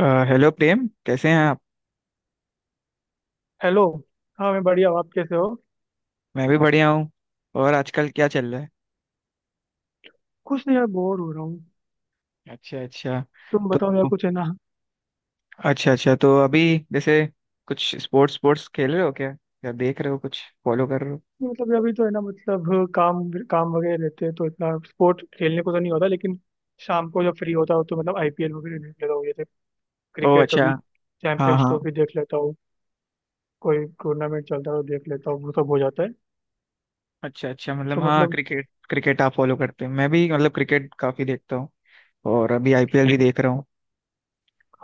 Hello Prem. कैसे हैं आप। हेलो। हाँ मैं बढ़िया हूँ। आप कैसे हो? मैं भी बढ़िया हूँ। और आजकल क्या चल रहा है। कुछ नहीं यार, बोर हो रहा हूँ। अच्छा, अच्छा। तुम बताओ यार, तो कुछ है ना। अच्छा, अच्छा। तो अभी जैसे कुछ स्पोर्ट्स स्पोर्ट्स खेल रहे हो क्या, या देख रहे हो, कुछ फॉलो कर रहे हो? मतलब अभी तो है ना, मतलब काम काम वगैरह रहते हैं, तो इतना स्पोर्ट खेलने को तो नहीं होता। लेकिन शाम को जब फ्री होता हो तो मतलब आईपीएल वगैरह देख लेता हूँ। जैसे ओ, क्रिकेट, अच्छा। कभी हाँ, चैंपियंस हाँ। ट्रॉफी देख लेता हूँ। कोई टूर्नामेंट चलता है तो देख लेता हूँ, वो सब हो जाता है। अच्छा, अच्छा, तो मतलब हाँ, मतलब। क्रिकेट क्रिकेट आप फॉलो करते हो। मैं भी, मतलब, क्रिकेट काफी देखता हूँ। और अभी आईपीएल भी देख रहा हूँ।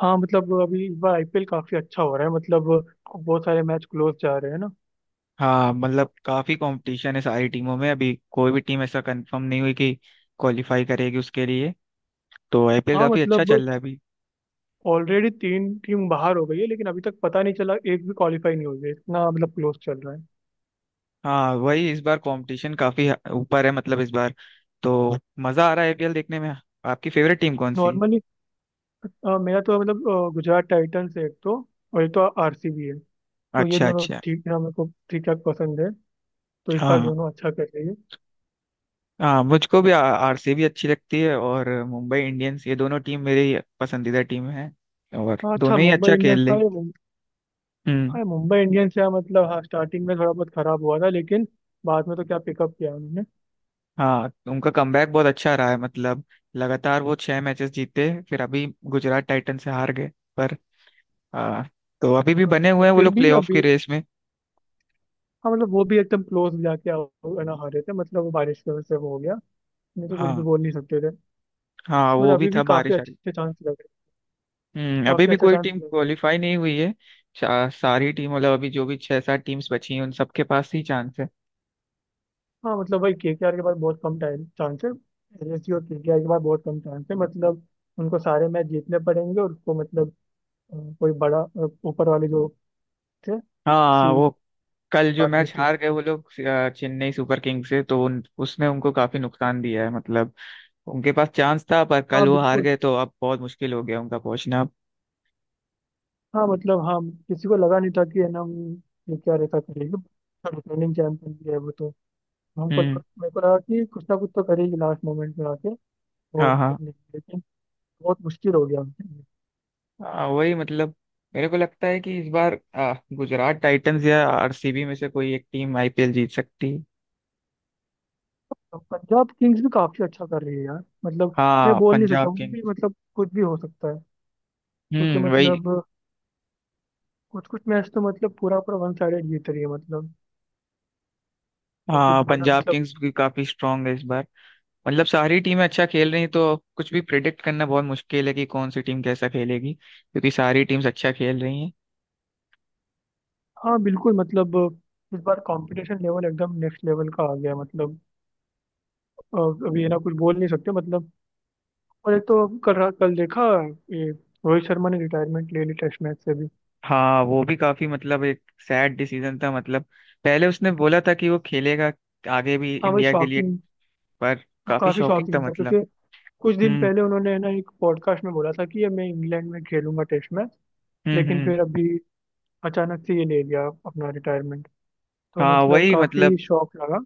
हाँ मतलब, अभी इस बार आईपीएल काफी अच्छा हो रहा है। मतलब बहुत सारे मैच क्लोज जा रहे हैं ना। हाँ, मतलब काफी कंपटीशन है सारी टीमों में। अभी कोई भी टीम ऐसा कंफर्म नहीं हुई कि क्वालिफाई करेगी उसके लिए। तो आईपीएल हाँ काफी अच्छा चल मतलब, रहा है अभी। ऑलरेडी तीन टीम बाहर हो गई है, लेकिन अभी तक पता नहीं चला, एक भी क्वालिफाई नहीं हुई है। इतना मतलब क्लोज चल रहा है। हाँ, वही, इस बार कंपटीशन काफी ऊपर है, मतलब इस बार। तो मजा आ रहा है आईपीएल देखने में। आपकी फेवरेट टीम कौन सी है? नॉर्मली मेरा तो मतलब गुजरात टाइटंस है एक तो, और एक तो आरसीबी है। तो ये अच्छा, दोनों अच्छा। ठीक है, मेरे को ठीक ठाक पसंद है। तो इस बार हाँ, दोनों अच्छा कर रही है। हाँ, मुझको भी आरसीबी अच्छी लगती है, और मुंबई इंडियंस, ये दोनों टीम मेरी पसंदीदा टीम है। और हाँ अच्छा, दोनों ही मुंबई अच्छा खेल इंडियंस, हाँ रही। हम्म। हाँ मुंबई इंडियंस है मतलब। हाँ स्टार्टिंग में थोड़ा बहुत खराब हुआ था, लेकिन बाद में तो क्या पिकअप किया उन्होंने। हाँ, उनका कमबैक बहुत अच्छा रहा है, मतलब लगातार वो छह मैचेस जीते। फिर अभी गुजरात टाइटन से हार गए। पर आ, तो अभी भी बने हुए मतलब हैं वो फिर लोग भी प्लेऑफ की अभी रेस में। हाँ मतलब, वो भी एकदम क्लोज जाके ना हारे थे मतलब। वो बारिश की वजह से वो हो गया, नहीं तो कुछ भी हाँ, बोल नहीं सकते थे। हाँ, बट वो भी अभी था भी काफी बारिश। अच्छे चांस लग रहे हैं। हम्म। अभी काफी भी अच्छा कोई चांस टीम लग रहे हैं। क्वालिफाई नहीं हुई है। सारी टीम, मतलब अभी जो भी छह सात टीम्स बची हैं उन सबके पास ही चांस है। हाँ मतलब, भाई केकेआर के पास बहुत कम टाइम चांस है। एलएसयू और केकेआर के पास बहुत कम चांस है। मतलब उनको सारे मैच जीतने पड़ेंगे और उसको मतलब, कोई बड़ा ऊपर वाले जो थे। हाँ, सी वो कल जो ये मैच चीज। हार गए वो लोग, चेन्नई सुपर किंग्स से, तो उसने उनको काफी नुकसान दिया है, मतलब। उनके पास चांस था पर हाँ कल वो हार बिल्कुल, गए, तो अब बहुत मुश्किल हो गया उनका पहुंचना अब। हाँ मतलब, हाँ किसी को लगा नहीं था कि है ना, केकेआर ऐसा करेगी। रिटर्निंग चैंपियन भी है वो तो। हमको हम्म। लगा मेरे को लगा कि कुछ ना कुछ तो करेगी लास्ट मोमेंट में आके, और हाँ, हाँ, कर लेगी। लेकिन बहुत मुश्किल हो गया। हाँ, वही मतलब, मेरे को लगता है कि इस बार गुजरात टाइटंस या आरसीबी में से कोई एक टीम आईपीएल जीत सकती है। पंजाब किंग्स भी काफी अच्छा कर रही है यार, मतलब मैं हाँ, बोल नहीं पंजाब सकता, वो भी किंग्स। मतलब कुछ भी हो सकता है, क्योंकि हम्म, वही। मतलब कुछ कुछ मैच तो मतलब पूरा पूरा वन साइडेड जीत रही है मतलब। जैसे हाँ, कि वो ना, पंजाब मतलब। किंग्स भी काफी स्ट्रांग है इस बार। मतलब सारी टीमें अच्छा खेल रही हैं, तो कुछ भी प्रिडिक्ट करना बहुत मुश्किल है कि कौन सी टीम कैसा खेलेगी, क्योंकि सारी टीम्स अच्छा खेल रही हैं। हाँ बिल्कुल मतलब, इस बार कंपटीशन लेवल एकदम नेक्स्ट लेवल का आ गया है, मतलब अ, अभी ये ना कुछ बोल नहीं सकते मतलब। और एक तो कल कल देखा, ये रोहित शर्मा ने रिटायरमेंट ले ली टेस्ट मैच से भी। हाँ, वो भी काफी, मतलब एक सैड डिसीजन था, मतलब पहले उसने बोला था कि वो खेलेगा आगे भी हाँ वही इंडिया के लिए। शॉकिंग, पर वो काफी काफी शॉकिंग था, शॉकिंग था। मतलब। क्योंकि कुछ दिन हम्म, पहले उन्होंने ना, एक पॉडकास्ट में बोला था कि ये मैं इंग्लैंड में खेलूंगा टेस्ट मैच। हम्म, लेकिन हम्म। फिर अभी अचानक से ये ले लिया अपना रिटायरमेंट। तो हाँ, मतलब वही मतलब, काफी शॉक लगा।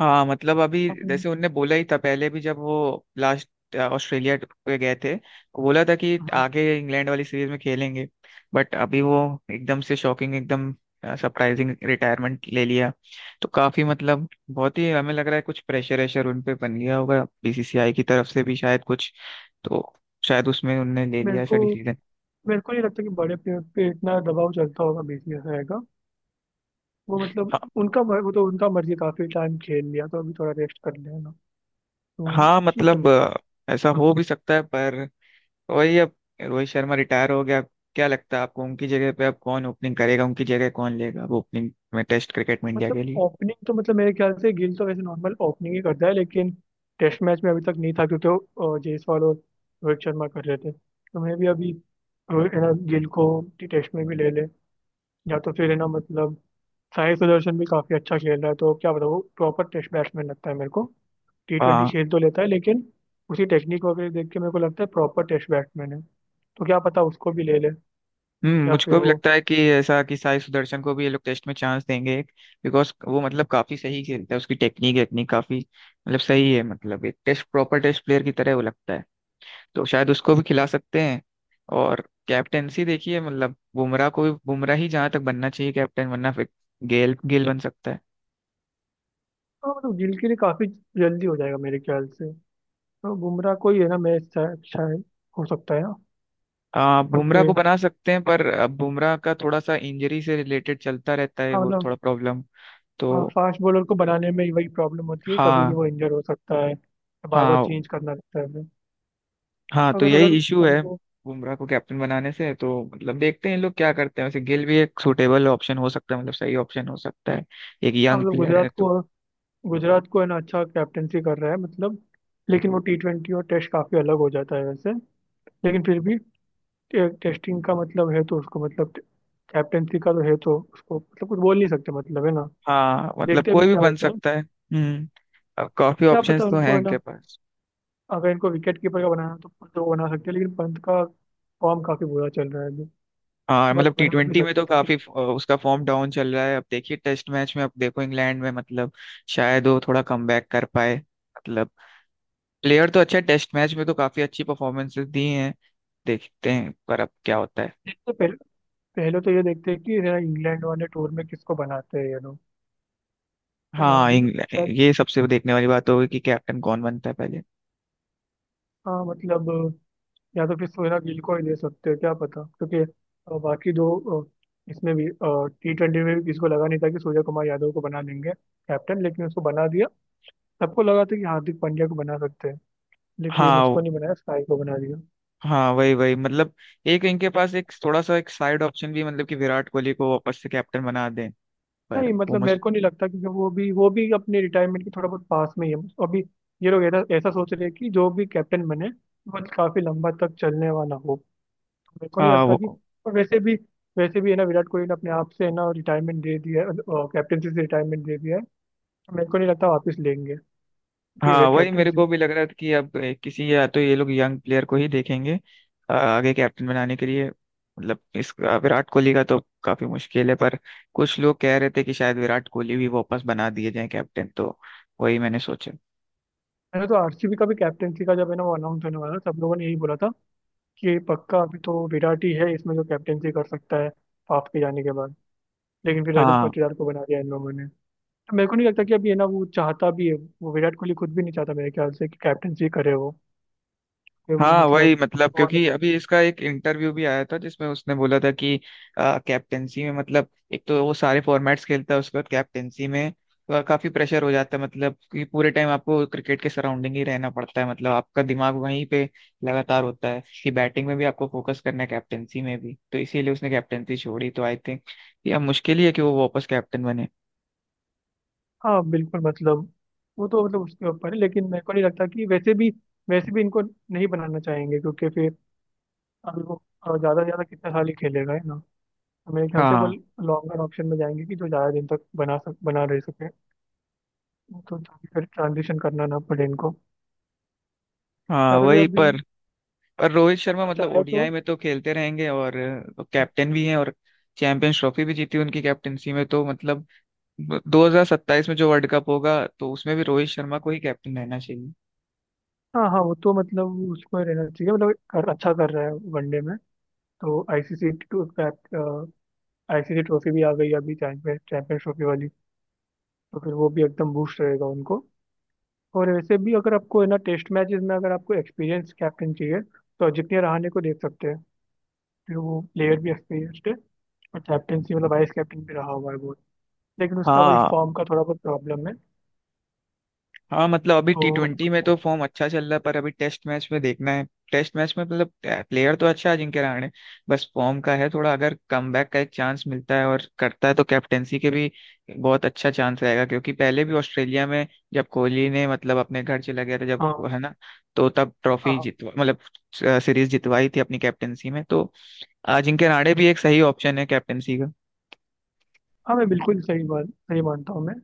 हाँ, मतलब अभी। हम्म, जैसे उनने बोला ही था पहले भी, जब वो लास्ट ऑस्ट्रेलिया पे गए थे, वो बोला था कि हम्म। आगे इंग्लैंड वाली सीरीज में खेलेंगे। बट अभी वो एकदम से शॉकिंग, एकदम सरप्राइजिंग रिटायरमेंट ले लिया, तो काफी, मतलब बहुत ही हमें लग रहा है कुछ प्रेशर वेशर उन पे बन गया होगा बीसीसीआई की तरफ से भी, शायद कुछ, तो शायद उसमें उनने ले मेरे लिया ऐसा को डिसीजन। मेरे को नहीं लगता कि बड़े पे, पे इतना दबाव चलता होगा, बीसीएसआई का आएगा। वो मतलब हाँ, उनका वो तो उनका मर्जी, काफी टाइम खेल लिया तो अभी थोड़ा रेस्ट कर लेना तो हाँ, ठीक है मतलब मतलब। ऐसा हो भी सकता है पर। तो वही, अब रोहित शर्मा रिटायर हो गया। क्या लगता है आपको, उनकी जगह पे अब कौन ओपनिंग करेगा, उनकी जगह कौन लेगा अब ओपनिंग में टेस्ट क्रिकेट में इंडिया मतलब के लिए? ओपनिंग तो मतलब मेरे ख्याल से गिल तो वैसे नॉर्मल ओपनिंग ही करता है, लेकिन टेस्ट मैच में अभी तक नहीं था क्योंकि वो, जायसवाल और रोहित शर्मा कर रहे थे। तो मैं भी अभी गिल को टेस्ट में भी ले ले। या तो फिर है ना मतलब, साई सुदर्शन भी काफी अच्छा खेल रहा है, तो क्या बताऊँ, प्रॉपर टेस्ट बैट्समैन लगता है मेरे को। टी ट्वेंटी हाँ। खेल तो लेता है, लेकिन उसी टेक्निक वगैरह देख के मेरे को लगता है प्रॉपर टेस्ट बैट्समैन है। तो क्या पता उसको भी ले ले। हम्म, या मुझको फिर भी वो। लगता है कि ऐसा कि साई सुदर्शन को भी ये लोग टेस्ट में चांस देंगे, बिकॉज वो, मतलब, काफी सही खेलता है, उसकी टेक्निक वेक्निक काफी, मतलब, सही है, मतलब एक टेस्ट, प्रॉपर टेस्ट प्लेयर की तरह वो लगता है। तो शायद उसको भी खिला सकते हैं। और कैप्टेंसी देखिए, मतलब बुमराह को भी, बुमराह ही जहां तक बनना चाहिए कैप्टन, वरना फिर गेल गेल बन सकता है। हाँ मतलब गिल के लिए काफी जल्दी हो जाएगा मेरे ख्याल से। तो बुमराह को ही है ना मैच, शायद शायद हो सकता है ना। बुमराह क्योंकि को बना सकते हैं, पर अब बुमराह का थोड़ा सा इंजरी से रिलेटेड चलता रहता है, हाँ वो मतलब, थोड़ा प्रॉब्लम। तो हाँ फास्ट बॉलर को बनाने में ही वही प्रॉब्लम होती है, कभी भी हाँ, वो इंजर हो सकता है। बार बार हाँ। चेंज करना रहता है हमें। हाँ, तो अगर अगर यही इशू है हमको। बुमराह को कैप्टन बनाने से, तो मतलब देखते हैं इन लोग क्या करते हैं। वैसे गिल भी एक सूटेबल ऑप्शन हो सकता है, मतलब सही ऑप्शन हो सकता है। एक हाँ यंग मतलब प्लेयर है तो। गुजरात को है ना अच्छा कैप्टेंसी कर रहा है मतलब। लेकिन वो टी ट्वेंटी और टेस्ट काफी अलग हो जाता है वैसे। लेकिन फिर भी टेस्टिंग का मतलब है तो उसको मतलब, कैप्टेंसी का तो है तो उसको मतलब कुछ बोल नहीं सकते मतलब, है ना। हाँ, मतलब देखते हैं अभी कोई भी क्या बन होता है। सकता है। हम्म। अब काफी क्या पता, ऑप्शंस तो उनको हैं है ना। इनके पास। अगर इनको विकेट कीपर का बनाना है तो पंत को बना सकते हैं, लेकिन पंत का फॉर्म काफी बुरा चल रहा है अभी। हाँ, बट मतलब टी बना भी ट्वेंटी में सकते तो हैं तो फिर। काफी उसका फॉर्म डाउन चल रहा है। अब देखिए टेस्ट मैच में, अब देखो इंग्लैंड में, मतलब शायद वो थोड़ा कमबैक कर पाए, मतलब। प्लेयर तो अच्छा, टेस्ट मैच में तो काफी अच्छी परफॉर्मेंसेस दी हैं। देखते हैं पर अब क्या होता है। देखते हैं, पहले पहले तो ये देखते हैं कि है ना, इंग्लैंड वाले टूर में किसको बनाते हैं ये लोग। है ना हाँ, अभी तो इंग्लैंड, शायद, ये सबसे देखने वाली बात होगी कि कैप्टन कौन बनता है पहले। हाँ मतलब, या तो फिर सोहेल गिल को ही दे सकते हो, क्या पता क्योंकि बाकी दो अ, इसमें भी टी ट्वेंटी में भी किसी को लगा नहीं था कि सूर्य कुमार यादव को बना देंगे कैप्टन, लेकिन उसको बना दिया। सबको लगा था कि हार्दिक पांड्या को बना सकते हैं, लेकिन हाँ, उसको नहीं बनाया, साई को बना दिया। हाँ, वही वही मतलब एक इनके पास, एक थोड़ा सा एक साइड ऑप्शन भी, मतलब कि विराट कोहली को वापस से कैप्टन बना दें, पर नहीं वो मतलब मेरे को मुश्किल। नहीं लगता, क्योंकि वो भी अपने रिटायरमेंट के थोड़ा बहुत पास में ही है अभी। ये लोग ऐसा ऐसा सोच रहे हैं कि जो भी कैप्टन बने वो काफी लंबा तक चलने वाला हो, मेरे को नहीं हाँ, लगता कि। वो, और वैसे भी, है ना विराट कोहली ने अपने आप से है ना रिटायरमेंट दे दिया है, कैप्टनसी से रिटायरमेंट दे दिया है। तो मेरे को नहीं लगता वापस लेंगे, कि वे हाँ, वही मेरे कैप्टनसी। को भी लग रहा था कि अब, किसी, या तो ये लोग यंग प्लेयर को ही देखेंगे आगे कैप्टन बनाने के लिए, मतलब इस, विराट कोहली का तो काफी मुश्किल है, पर कुछ लोग कह रहे थे कि शायद विराट कोहली भी वापस बना दिए जाए कैप्टन, तो वही मैंने सोचा। मैंने तो आरसीबी का भी कैप्टनसी का जब है ना वो अनाउंस होने वाला था, सब लोगों ने यही बोला था कि पक्का अभी तो विराट ही है इसमें जो कैप्टनसी कर सकता है हाफ के जाने के बाद। लेकिन फिर रजत हाँ, पाटीदार को बना दिया इन लोगों ने। तो मेरे को नहीं लगता कि अभी है ना वो चाहता भी है, वो विराट कोहली खुद भी नहीं चाहता मेरे ख्याल से कि कैप्टनसी करे वो, कि वो हाँ, वही मतलब। मतलब, क्योंकि अभी इसका एक इंटरव्यू भी आया था जिसमें उसने बोला था कि कैप्टेंसी में, मतलब, एक तो वो सारे फॉर्मेट्स खेलता है, उसके बाद कैप्टेंसी में काफी प्रेशर हो जाता है, मतलब कि पूरे टाइम आपको क्रिकेट के सराउंडिंग ही रहना पड़ता है, मतलब आपका दिमाग वहीं पे लगातार होता है कि बैटिंग में भी आपको फोकस करना है, कैप्टेंसी में भी। तो इसीलिए उसने कैप्टेंसी छोड़ी, तो आई थिंक ये अब मुश्किल ही है कि वो वापस कैप्टन बने। हाँ बिल्कुल मतलब, वो तो मतलब उसके ऊपर है, लेकिन मेरे को नहीं लगता कि वैसे भी इनको नहीं बनाना चाहेंगे क्योंकि फिर, अभी वो ज़्यादा से ज़्यादा कितना साल ही खेलेगा है ना। तो मेरे ख्याल से वो हाँ, लॉन्गर ऑप्शन में जाएंगे कि जो ज़्यादा दिन तक बना रह सके, तो ताकि फिर ट्रांजिशन करना ना पड़े इनको। हाँ, या तो फिर वही अभी पर। और रोहित शर्मा, अगर मतलब चाहे तो। ओडीआई में तो खेलते रहेंगे, और कैप्टन भी हैं, और चैंपियंस ट्रॉफी भी जीती उनकी कैप्टनसी में, तो मतलब 2027 में जो वर्ल्ड कप होगा, तो उसमें भी रोहित शर्मा को ही कैप्टन रहना चाहिए। हाँ हाँ, वो तो मतलब उसको रहना चाहिए मतलब अच्छा कर रहा है वनडे में। तो आईसीसी ट्रॉफी भी आ गई अभी चैंपियन चैंपियंस ट्रॉफी वाली। तो फिर वो भी एकदम बूस्ट रहेगा उनको। और वैसे भी, अगर आपको है ना टेस्ट मैचेस में अगर आपको एक्सपीरियंस कैप्टन चाहिए, तो अजिंक्य रहाणे को देख सकते हैं। फिर वो प्लेयर भी एक्सपीरियंस्ड है, और कैप्टनसी मतलब वाइस कैप्टन भी रहा हुआ है वो। लेकिन उसका वही हाँ, फॉर्म का थोड़ा बहुत प्रॉब्लम है हाँ, मतलब अभी टी ट्वेंटी तो। में तो फॉर्म अच्छा चल रहा है, पर अभी टेस्ट मैच में देखना है। टेस्ट मैच में, मतलब, प्लेयर तो अच्छा है अजिंक्य रहाणे। बस फॉर्म का है थोड़ा, अगर कमबैक का एक चांस मिलता है और करता है तो कैप्टेंसी के भी बहुत अच्छा चांस रहेगा, क्योंकि पहले भी ऑस्ट्रेलिया में, जब कोहली ने, मतलब, अपने घर चला गया था जब, हाँ है ना, तो तब ट्रॉफी हाँ जितवा, मतलब सीरीज जितवाई थी अपनी कैप्टेंसी में, तो अजिंक्य रहाणे भी एक सही ऑप्शन है कैप्टेंसी का। हाँ, मैं बिल्कुल सही बात, सही मानता हूँ मैं।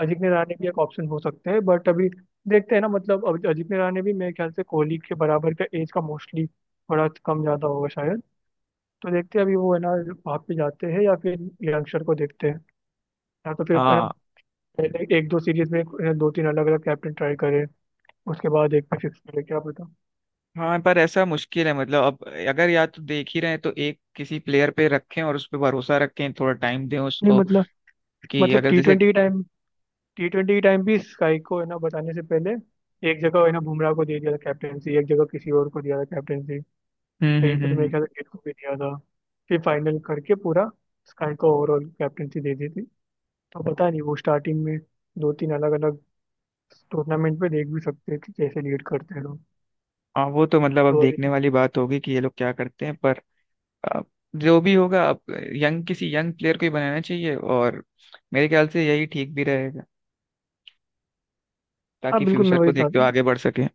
अजिंक्य रहाणे भी एक ऑप्शन हो सकते हैं, बट अभी देखते हैं ना। मतलब अभी अजिंक्य रहाणे भी मेरे ख्याल से कोहली के बराबर का एज का, मोस्टली थोड़ा कम ज़्यादा होगा शायद। तो देखते हैं अभी वो है ना, वहाँ पे जाते हैं या फिर यंगस्टर को देखते हैं। या तो फिर है ना, हाँ, पहले एक दो सीरीज में दो तीन अलग अलग कैप्टन ट्राई करे, उसके बाद एक पे फिक्स करे, क्या पता। हाँ, पर ऐसा मुश्किल है, मतलब अब, अगर या तो देख ही रहे हैं तो एक, किसी प्लेयर पे रखें और उस पे भरोसा रखें, थोड़ा टाइम दें नहीं उसको, मतलब, कि मतलब अगर टी जैसे। ट्वेंटी के टाइम टी ट्वेंटी के टाइम भी स्काई को है ना बताने से पहले, एक जगह है ना बुमराह को दे दिया था कैप्टनसी, एक जगह किसी और को दिया था कैप्टनसी, हम्म, कहीं हम्म, पे हम्म, तो मेरे ख्याल से गेट को भी दिया था। फिर फाइनल करके पूरा स्काई को ओवरऑल कैप्टनसी दे दी थी। तो पता नहीं, वो स्टार्टिंग में दो तीन अलग अलग टूर्नामेंट में देख भी सकते थे कैसे लीड करते हैं लोग। हाँ, वो तो, मतलब अब तो अभी। देखने वाली बात होगी कि ये लोग क्या करते हैं पर। अब जो भी होगा, अब यंग, किसी यंग प्लेयर को ही बनाना चाहिए, और मेरे ख्याल से यही ठीक भी रहेगा, हाँ ताकि बिल्कुल मैं फ्यूचर को वही था। देखते हुए आगे बढ़ सके।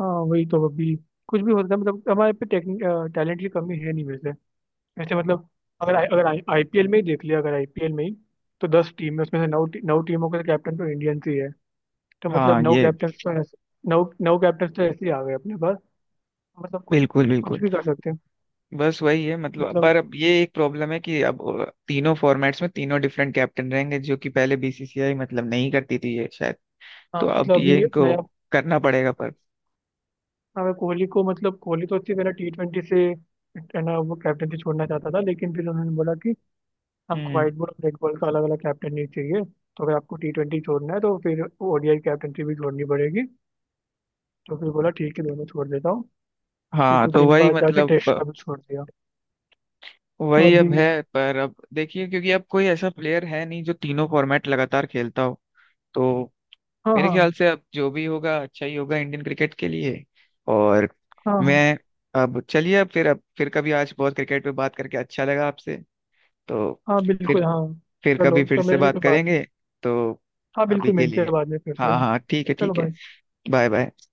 हाँ वही, तो अभी कुछ भी हो सकता है, मतलब हमारे पे टेक्निक, टैलेंट की कमी है नहीं वैसे, ऐसे मतलब। अगर आईपीएल में ही देख लिया, अगर आईपीएल में ही। तो 10 टीम है, उसमें से नौ टीमों के कैप्टन तो इंडियंस ही है। तो हाँ, मतलब नौ ये कैप्टन तो ऐसे, नौ नौ कैप्टन तो ऐसे ही आ गए अपने पास। मतलब कुछ बिल्कुल, कुछ बिल्कुल, भी कर सकते हैं। बस वही है, मतलब। मतलब पर अब ये एक प्रॉब्लम है कि अब तीनों फॉर्मेट्स में तीनों डिफरेंट कैप्टन रहेंगे, जो कि पहले बीसीसीआई, मतलब, नहीं करती थी ये शायद, हाँ तो अब मतलब ये अभी इनको नया, करना पड़ेगा पर। अगर कोहली को, मतलब कोहली तो अच्छी तरह टी ट्वेंटी से है ना वो कैप्टनसी छोड़ना चाहता था, लेकिन फिर उन्होंने बोला कि हमको हम्म। व्हाइट बॉल और रेड बॉल का अलग अलग कैप्टन नहीं चाहिए। तो अगर आपको टी ट्वेंटी छोड़ना है तो फिर ओडीआई कैप्टनसी भी छोड़नी पड़ेगी। तो फिर बोला ठीक है, दोनों छोड़ देता हूँ। फिर हाँ, कुछ तो दिन वही बाद जाके मतलब टेस्ट का भी छोड़ दिया। तो वही अभी। अब है, पर अब देखिए, क्योंकि अब कोई ऐसा प्लेयर है नहीं जो तीनों फॉर्मेट लगातार खेलता हो, तो हाँ मेरे हाँ ख्याल से अब जो भी होगा, अच्छा ही होगा इंडियन क्रिकेट के लिए। और हाँ हाँ। मैं, अब चलिए, अब फिर, अब फिर कभी, आज बहुत क्रिकेट पे बात करके अच्छा लगा आपसे। तो हाँ फिर बिल्कुल हाँ। फिर कभी चलो फिर तो से मेरी भी बात कोई बात। करेंगे। तो हाँ अभी बिल्कुल, के मिलते हैं लिए, बाद में फिर से हाँ, ना। हाँ, ठीक है, चलो ठीक है। भाई। Bye, bye.